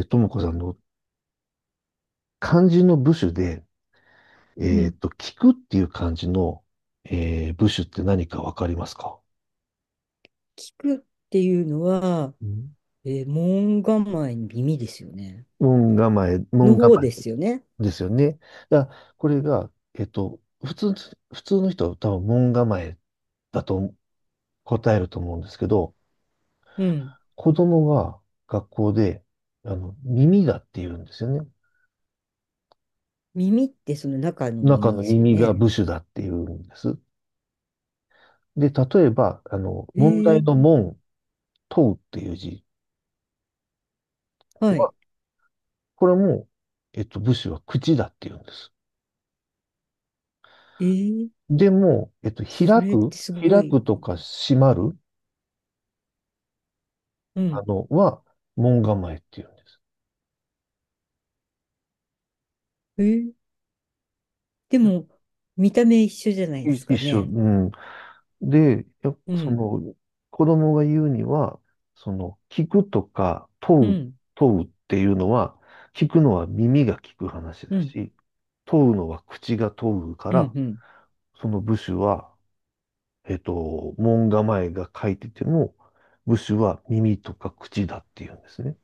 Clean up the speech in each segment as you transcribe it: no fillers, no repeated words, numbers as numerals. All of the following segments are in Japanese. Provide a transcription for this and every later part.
ともこさんの漢字の部首で、うん。聞くっていう漢字の、部首って何かわかりますか？聞くっていうのは、ん。門構えに耳ですよね。門構え、の門方構えですよね。ですよね。だからこれが、えっと、普通、普通の人は多分門構えだと答えると思うんですけど、うん。子供は学校で、耳だって言うんですよね。耳ってその中の中耳のですよ耳がね。部首だって言うんです。で、例えば、え問題ー、の門、問うっていう字はい。これも、武士は口だって言うんです。えー、でも、開それっく、てすご開い。くとか閉まる、うあん。の、は、門構えって言うんえー、でも、見た目一緒じゃないでですす。い一か緒、うね。ん。で、やうそん。の、子供が言うには、その、聞くとか、う問う、ん。問うっていうのは、聞くのは耳が聞く話うだん。し、問うのは口が問うかうん。ら、うん。その部首は門構えが書いてても、部首は耳とか口だっていうんですね。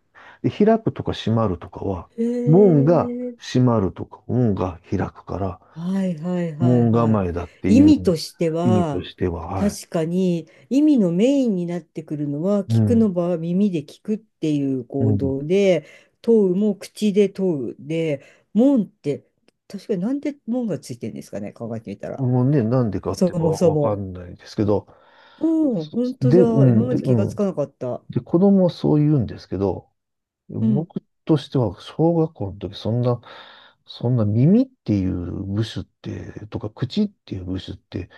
で、開くとか閉まるとかは、へ門がえ。閉まるとか、門が開くから、はいはいはい門は構い。えだって意いう味として意味とは、しては、はい。確かに意味のメインになってくるのは、う聞くん。の場は耳で聞くっていうう行ん。動で、問うも口で問うで、門って、確かになんで門がついてるんですかね、考えてみたら。もうね、なんでかっそてもはそわかも。んないですけど、うん、本当うだ。今ん、まで、でう気がつん。かなかった。で、子供はそう言うんですけど、うん。僕としては、小学校の時、そんな耳っていう部首って、とか口っていう部首って、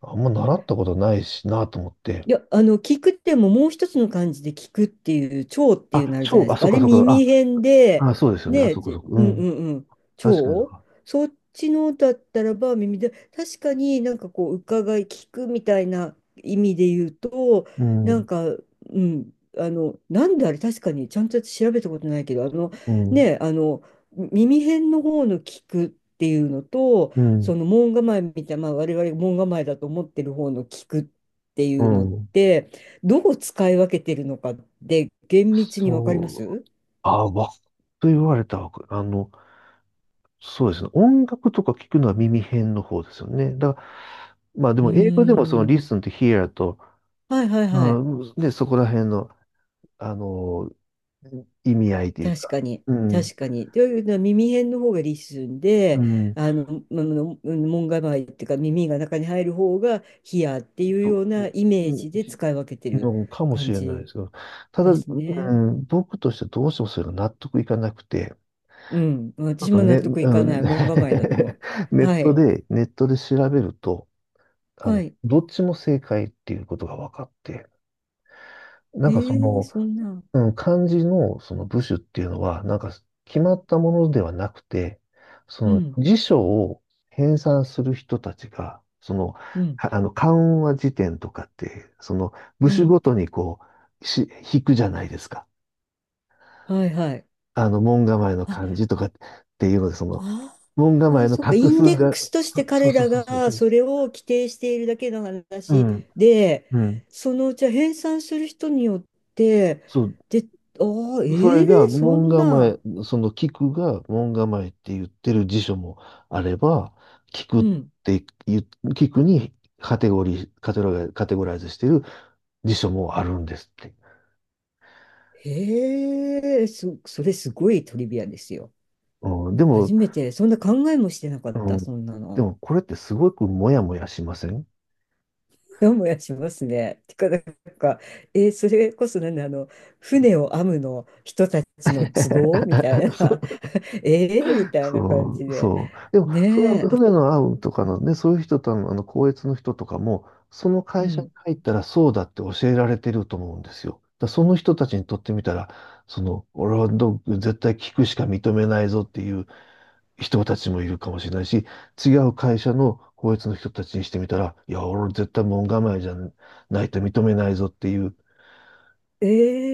あんま習ったことないしなと思って。いや、あの、聞くってももう一つの漢字で聞くっていう、聴っていうあ、のあるじゃないであ、すそか。っあかれそっか、耳辺あ、で、あ、そうですよね、あ、ね、そっかそじっうか、うんうん。んうん、確かにそう聴か。そっちのだったらば耳で、確かになんかこう、伺い、聞くみたいな意味で言うと、うなんん、か、うん、あの、なんであれ確かに、ちゃんと調べたことないけど、あの、うん、ね、あの、耳辺の方の聞くっていうのと、うん、その門構えみたいな、まあ、我々門構えだと思ってる方の聞くっっていううのっん。て、どう使い分けてるのかって厳密にわかりまそう、すあ、と言われたわけ。そうですね。音楽とか聞くのは耳辺の方ですよね。だから、まあでうーも英語でもその ん。listen to hear と、はいはいはまい。あ、で、そこら辺の、あの、意味合いという確か、かに。うん、確かに。というのは耳辺の方がリスンうで、ん、ちあの、まあの門構えっていうか耳が中に入る方がヒアっていうょっようなと、イメうーんジでじ使い分けてるのかもし感れないでじすけど、ただ、ですうね。ん、僕としてどうしてもそれが納得いかなくて、うん。ちょっ私ともね、納得いうかなん、い。ネ門構えだと思う。ッはトい。で、ネットで調べると、はい。どっちも正解っていうことが分かって、なえんかそー、の、そんな。うん、漢字のその部首っていうのは、なんか決まったものではなくて、そうのん。辞書を編纂する人たちが、その、うん。はあの、漢和辞典とかって、その部う首ん。ごとにこう、引くじゃないですか。はいはい。門構えの漢あ、字とかっていうので、その、あ門構えあ、のそっか、画イン数デッが、クスとしてそう彼そうらそうそうがそそれを規定しているだけのう。う話ん、で、うん。そのうちは編纂する人によって、そう、で、ああ、それえがえそ門ん構な、え、その菊が門構えって言ってる辞書もあれば、菊うっん、て言う、菊にカテゴリー、カテゴライ、カテゴライズしてる辞書もあるんですって。へえ、そ、それすごいトリビアですよ。うん、でも、初めて、そんな考えもしてなかうった、ん、そんなでの。もこれってすごくモヤモヤしません？ もやもやしますね。てか、なんか、えーそれこそなんだ、あの、船を編むの人たちの都合みた いそな。ええみたいな感そじう、で。そう。でも、そのねえ、あ船のアウンとかのね、そういう人との、校閲の人とかも、そのう会社にん。入ったらそうだって教えられてると思うんですよ。だからその人たちにとってみたら、その、俺は絶対聞くしか認めないぞっていう人たちもいるかもしれないし、違う会社の校閲の人たちにしてみたら、いや、俺絶対門構えじゃないと認めないぞっていう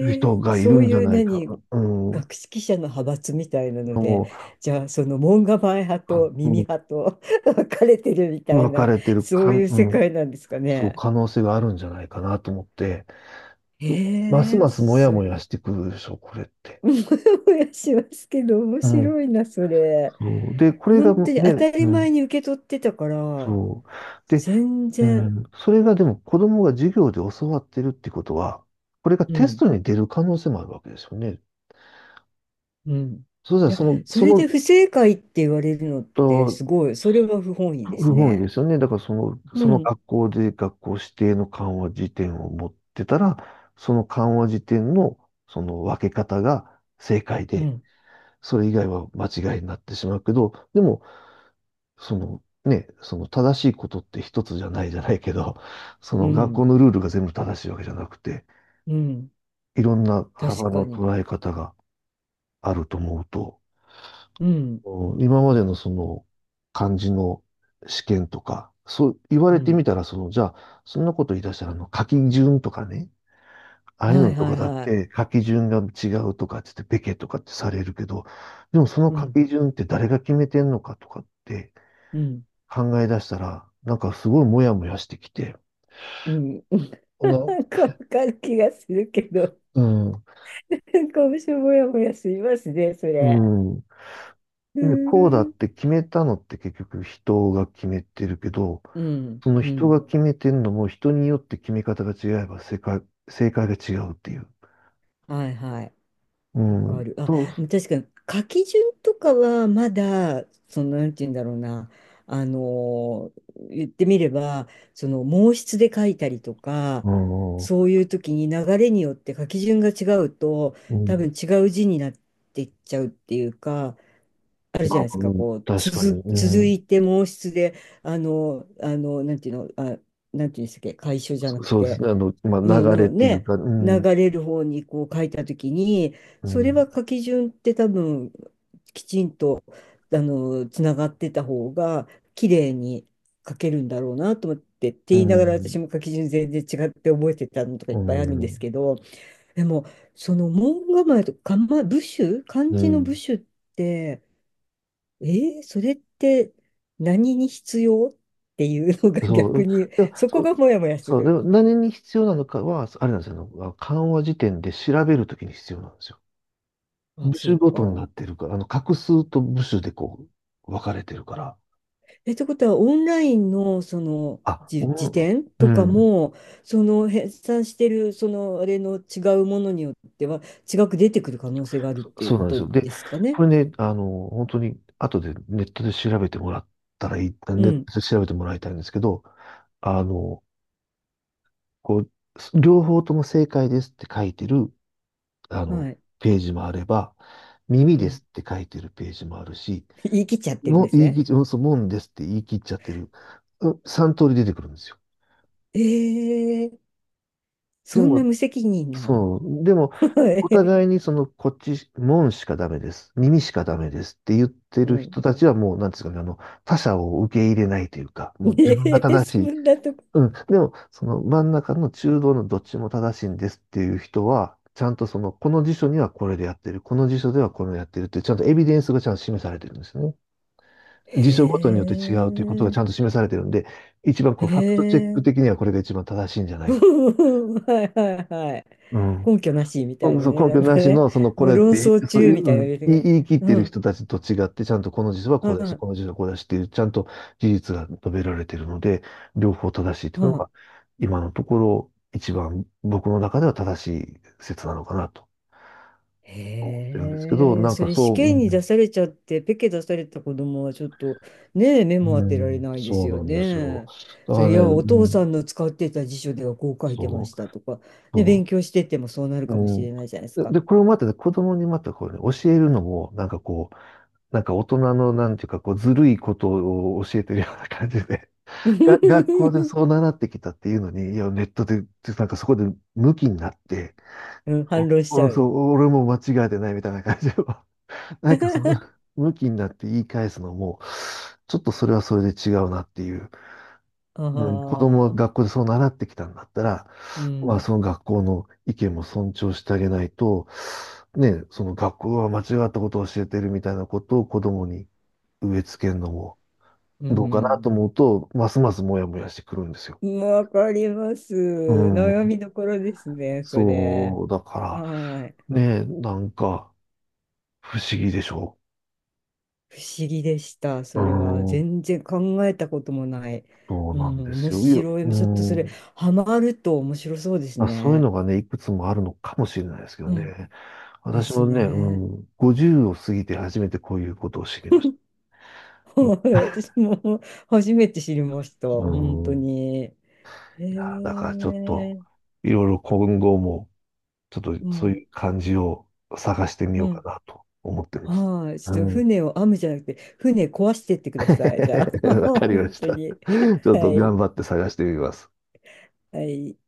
人えがいるそうんじゃいうないか、何、うん、の学識者の派閥みたいなので、も、じゃあその門構え派あとう耳ん派と 分かれてるみたい分かな、れてるそか、ういうう世ん界なんですかそう、ね。可能性があるんじゃないかなと思って、うますええますもやそもれ、やしてくるでしょ、これっ て。もやもやしますけど、面うん。白いな、それ。そう。で、これが本当に当ね、たうり前ん。に受け取ってたから、そう。で、全う然。ん。それがでも子供が授業で教わってるってことは、これがうテスんトに出る可能性もあるわけですよね。うん。そうしたいらや、その、そそれの、で不正解って言われるのってとすごい、それは不本意です不本意でね。すよね。だからその、うそのん、学校で学校指定の緩和辞典を持ってたら、その緩和辞典のその分け方が正解うで、ん、それ以外は間違いになってしまうけど、でも、そのね、その正しいことって一つじゃないじゃないけど、そうの学ん、校のルールが全部正しいわけじゃなくて、うん、いろんな確幅かのに。捉え方があると思うと、うん、今までのその漢字の試験とか、そう言わうれてん。みたら、その、じゃあ、そんなこと言い出したら、書き順とかね、ああいうはのいとはかいだっはい。て書き順が違うとかって言って、べけとかってされるけど、でもそのう書ん、き順って誰が決めてんのかとかって、うん、考え出したら、なんかすごいモヤモヤしてきて、うん。うん こなんかわかる気がするけど、うん、なんか私もやもやしますね、そうれ。ん。うでこうだーっん、て決めたのって結局人が決めてるけど、うん、そのう人ん。が決めてるのも人によって決め方が違えば正解が違うっていう。はいはい。うわかん。る。あ、そう、確かに書き順とかはまだ、その、なんて言うんだろうな、言ってみれば、その、毛筆で書いたりとか、うん。うそういう時に流れによって書き順が違うと、多ん。分違う字になっていっちゃうっていうか、あるまじゃなあ、いですか、うん、こう、確かに、続、う続ん。いて毛筆で、あの、あの、なんていうの、あ、なんていうんですっけ、楷書じゃなそくそうですて、ね。まうあ、ん、流れっのていうね、か、う流ん、れる方にこう書いたときに、うそれん、は書き順って多分、きちんと、あの、つながってた方が、綺麗に書けるんだろうなと思って、ってう言いながらん、私も書き順全然違って覚えてたのとかいうっぱいあるんでん、すけど、でも、その門構えとか、ま、部首、漢う字の部ん。首、えーそれって何に必要っていうのがそ逆う、に、でも、そそこがう、モヤモヤすそう、でる。も何に必要なのかは、あれなんですよ、あの漢和辞典で調べるときに必要なんですよ。あ、部そ首うごとにか。なってるから、画数と部首でこう、分かれてるから、え、ってことは、オンラインの、その、あ、うじ、辞ん、典うとかんも、その、編纂してる、その、あれの違うものによっては、違く出てくる可能性があるっそていうそうこなんですとよ。で、ですかね。これね、本当に、後でネットで調べてもらったらいい、ネうッん。トで調べてもらいたいんですけど、あの、こう、両方とも正解ですって書いてる、あの、はい。ページもあれば、耳うでん。すって書いてるページもあるし、言い切っちゃってるんもでうす言い切ね。っちゃ、そう、もんですって言い切っちゃってる。三通り出てくるんですよ。えー、そでんなも、無責任な。そう、でも、お 互いにその、こっち、もんしかダメです。耳しかダメですって言ってうるん。人たちはもう、なんですかね、他者を受け入れないというか、もう自分がえー、正しそい。んなとこ。うん。でも、その真ん中の中道のどっちも正しいんですっていう人は、ちゃんとその、この辞書にはこれでやってる、この辞書ではこれをやってるって、ちゃんとエビデンスがちゃんと示されてるんですよね。へ辞書ごとによって違うということがちえ、ゃんと示されてるんで、一番こへう、ファクトチェックえ。的にはこれが一番正しいんじゃな いか。はいはいはい。うん。根拠なしみたいうなそね。う、根な拠んなかしね、の、その、これっ論て、争そう中いう、みたいうなのん、入れて言いね。言い切ってうるん、人たちと違って、ちゃんとこの辞書はうこうだし、ん、この辞書はこうだしっていう、ちゃんと事実が述べられてるので、両方正しいっていううのん。が、今のところ、一番僕の中では正しい説なのかなと思ってるんですけど、へえ、なんそかれ試そう、う験ん、に出されちゃって、ペケ出された子供はちょっとねえ、目うも当てられんないでそすうよなんですよ。ね。だかそられいね、や、おう父さん、んの使ってた辞書ではこう書いてまそしう。たとか、ね、勉そう強しててもそうなるうかもしん。れで、ないじゃないですでか。これをまたね、子供にまたこうね、教えるのも、なんかこう、なんか大人のなんていうか、こう、ずるいことを教えてるような感じで、う が、学校でそう習ってきたっていうのに、いや、ネットで、なんかそこで向きになって、ん、反論しちおおゃそう。う、俺も間違えてないみたいな感じを、なんかその、向きになって言い返すのも、ちょっとそれはそれで違うなっていう。あうん、子供はあ、学校でそう習ってきたんだったら、うまあ、ん、その学校の意見も尊重してあげないと、ね、その学校は間違ったことを教えてるみたいなことを子供に植え付けるのもうどうかなとん。思うと、ますますモヤモヤしてくるんですよ。わかります。うん、悩みどころですね、それ。そう、だかはい。ら、ね、なんか不思議でしょ不思議でした、う。それは。うん、全然考えたこともない。そううなんん、で面すよ。いや、白うい。ちょっとそれ、ん、ハマると面白そうですあ、そういうね。のがね、いくつもあるのかもしれないですけどうん、ね。で私すもね、うね。ん、50を過ぎて初めてこういうことを知りました。はい、私も初めて知りました、本う当ん。いに。へや、だからちょっと、え、いろいろ今後も、ちょっうとそうん、いう感じを探してみうようかん。なと思ってます。はい、うちょっとん。船を編むじゃなくて、船壊してってください、じゃあ。わかりま本し当た。ちに。ょっはと頑い。張って探してみます。はい。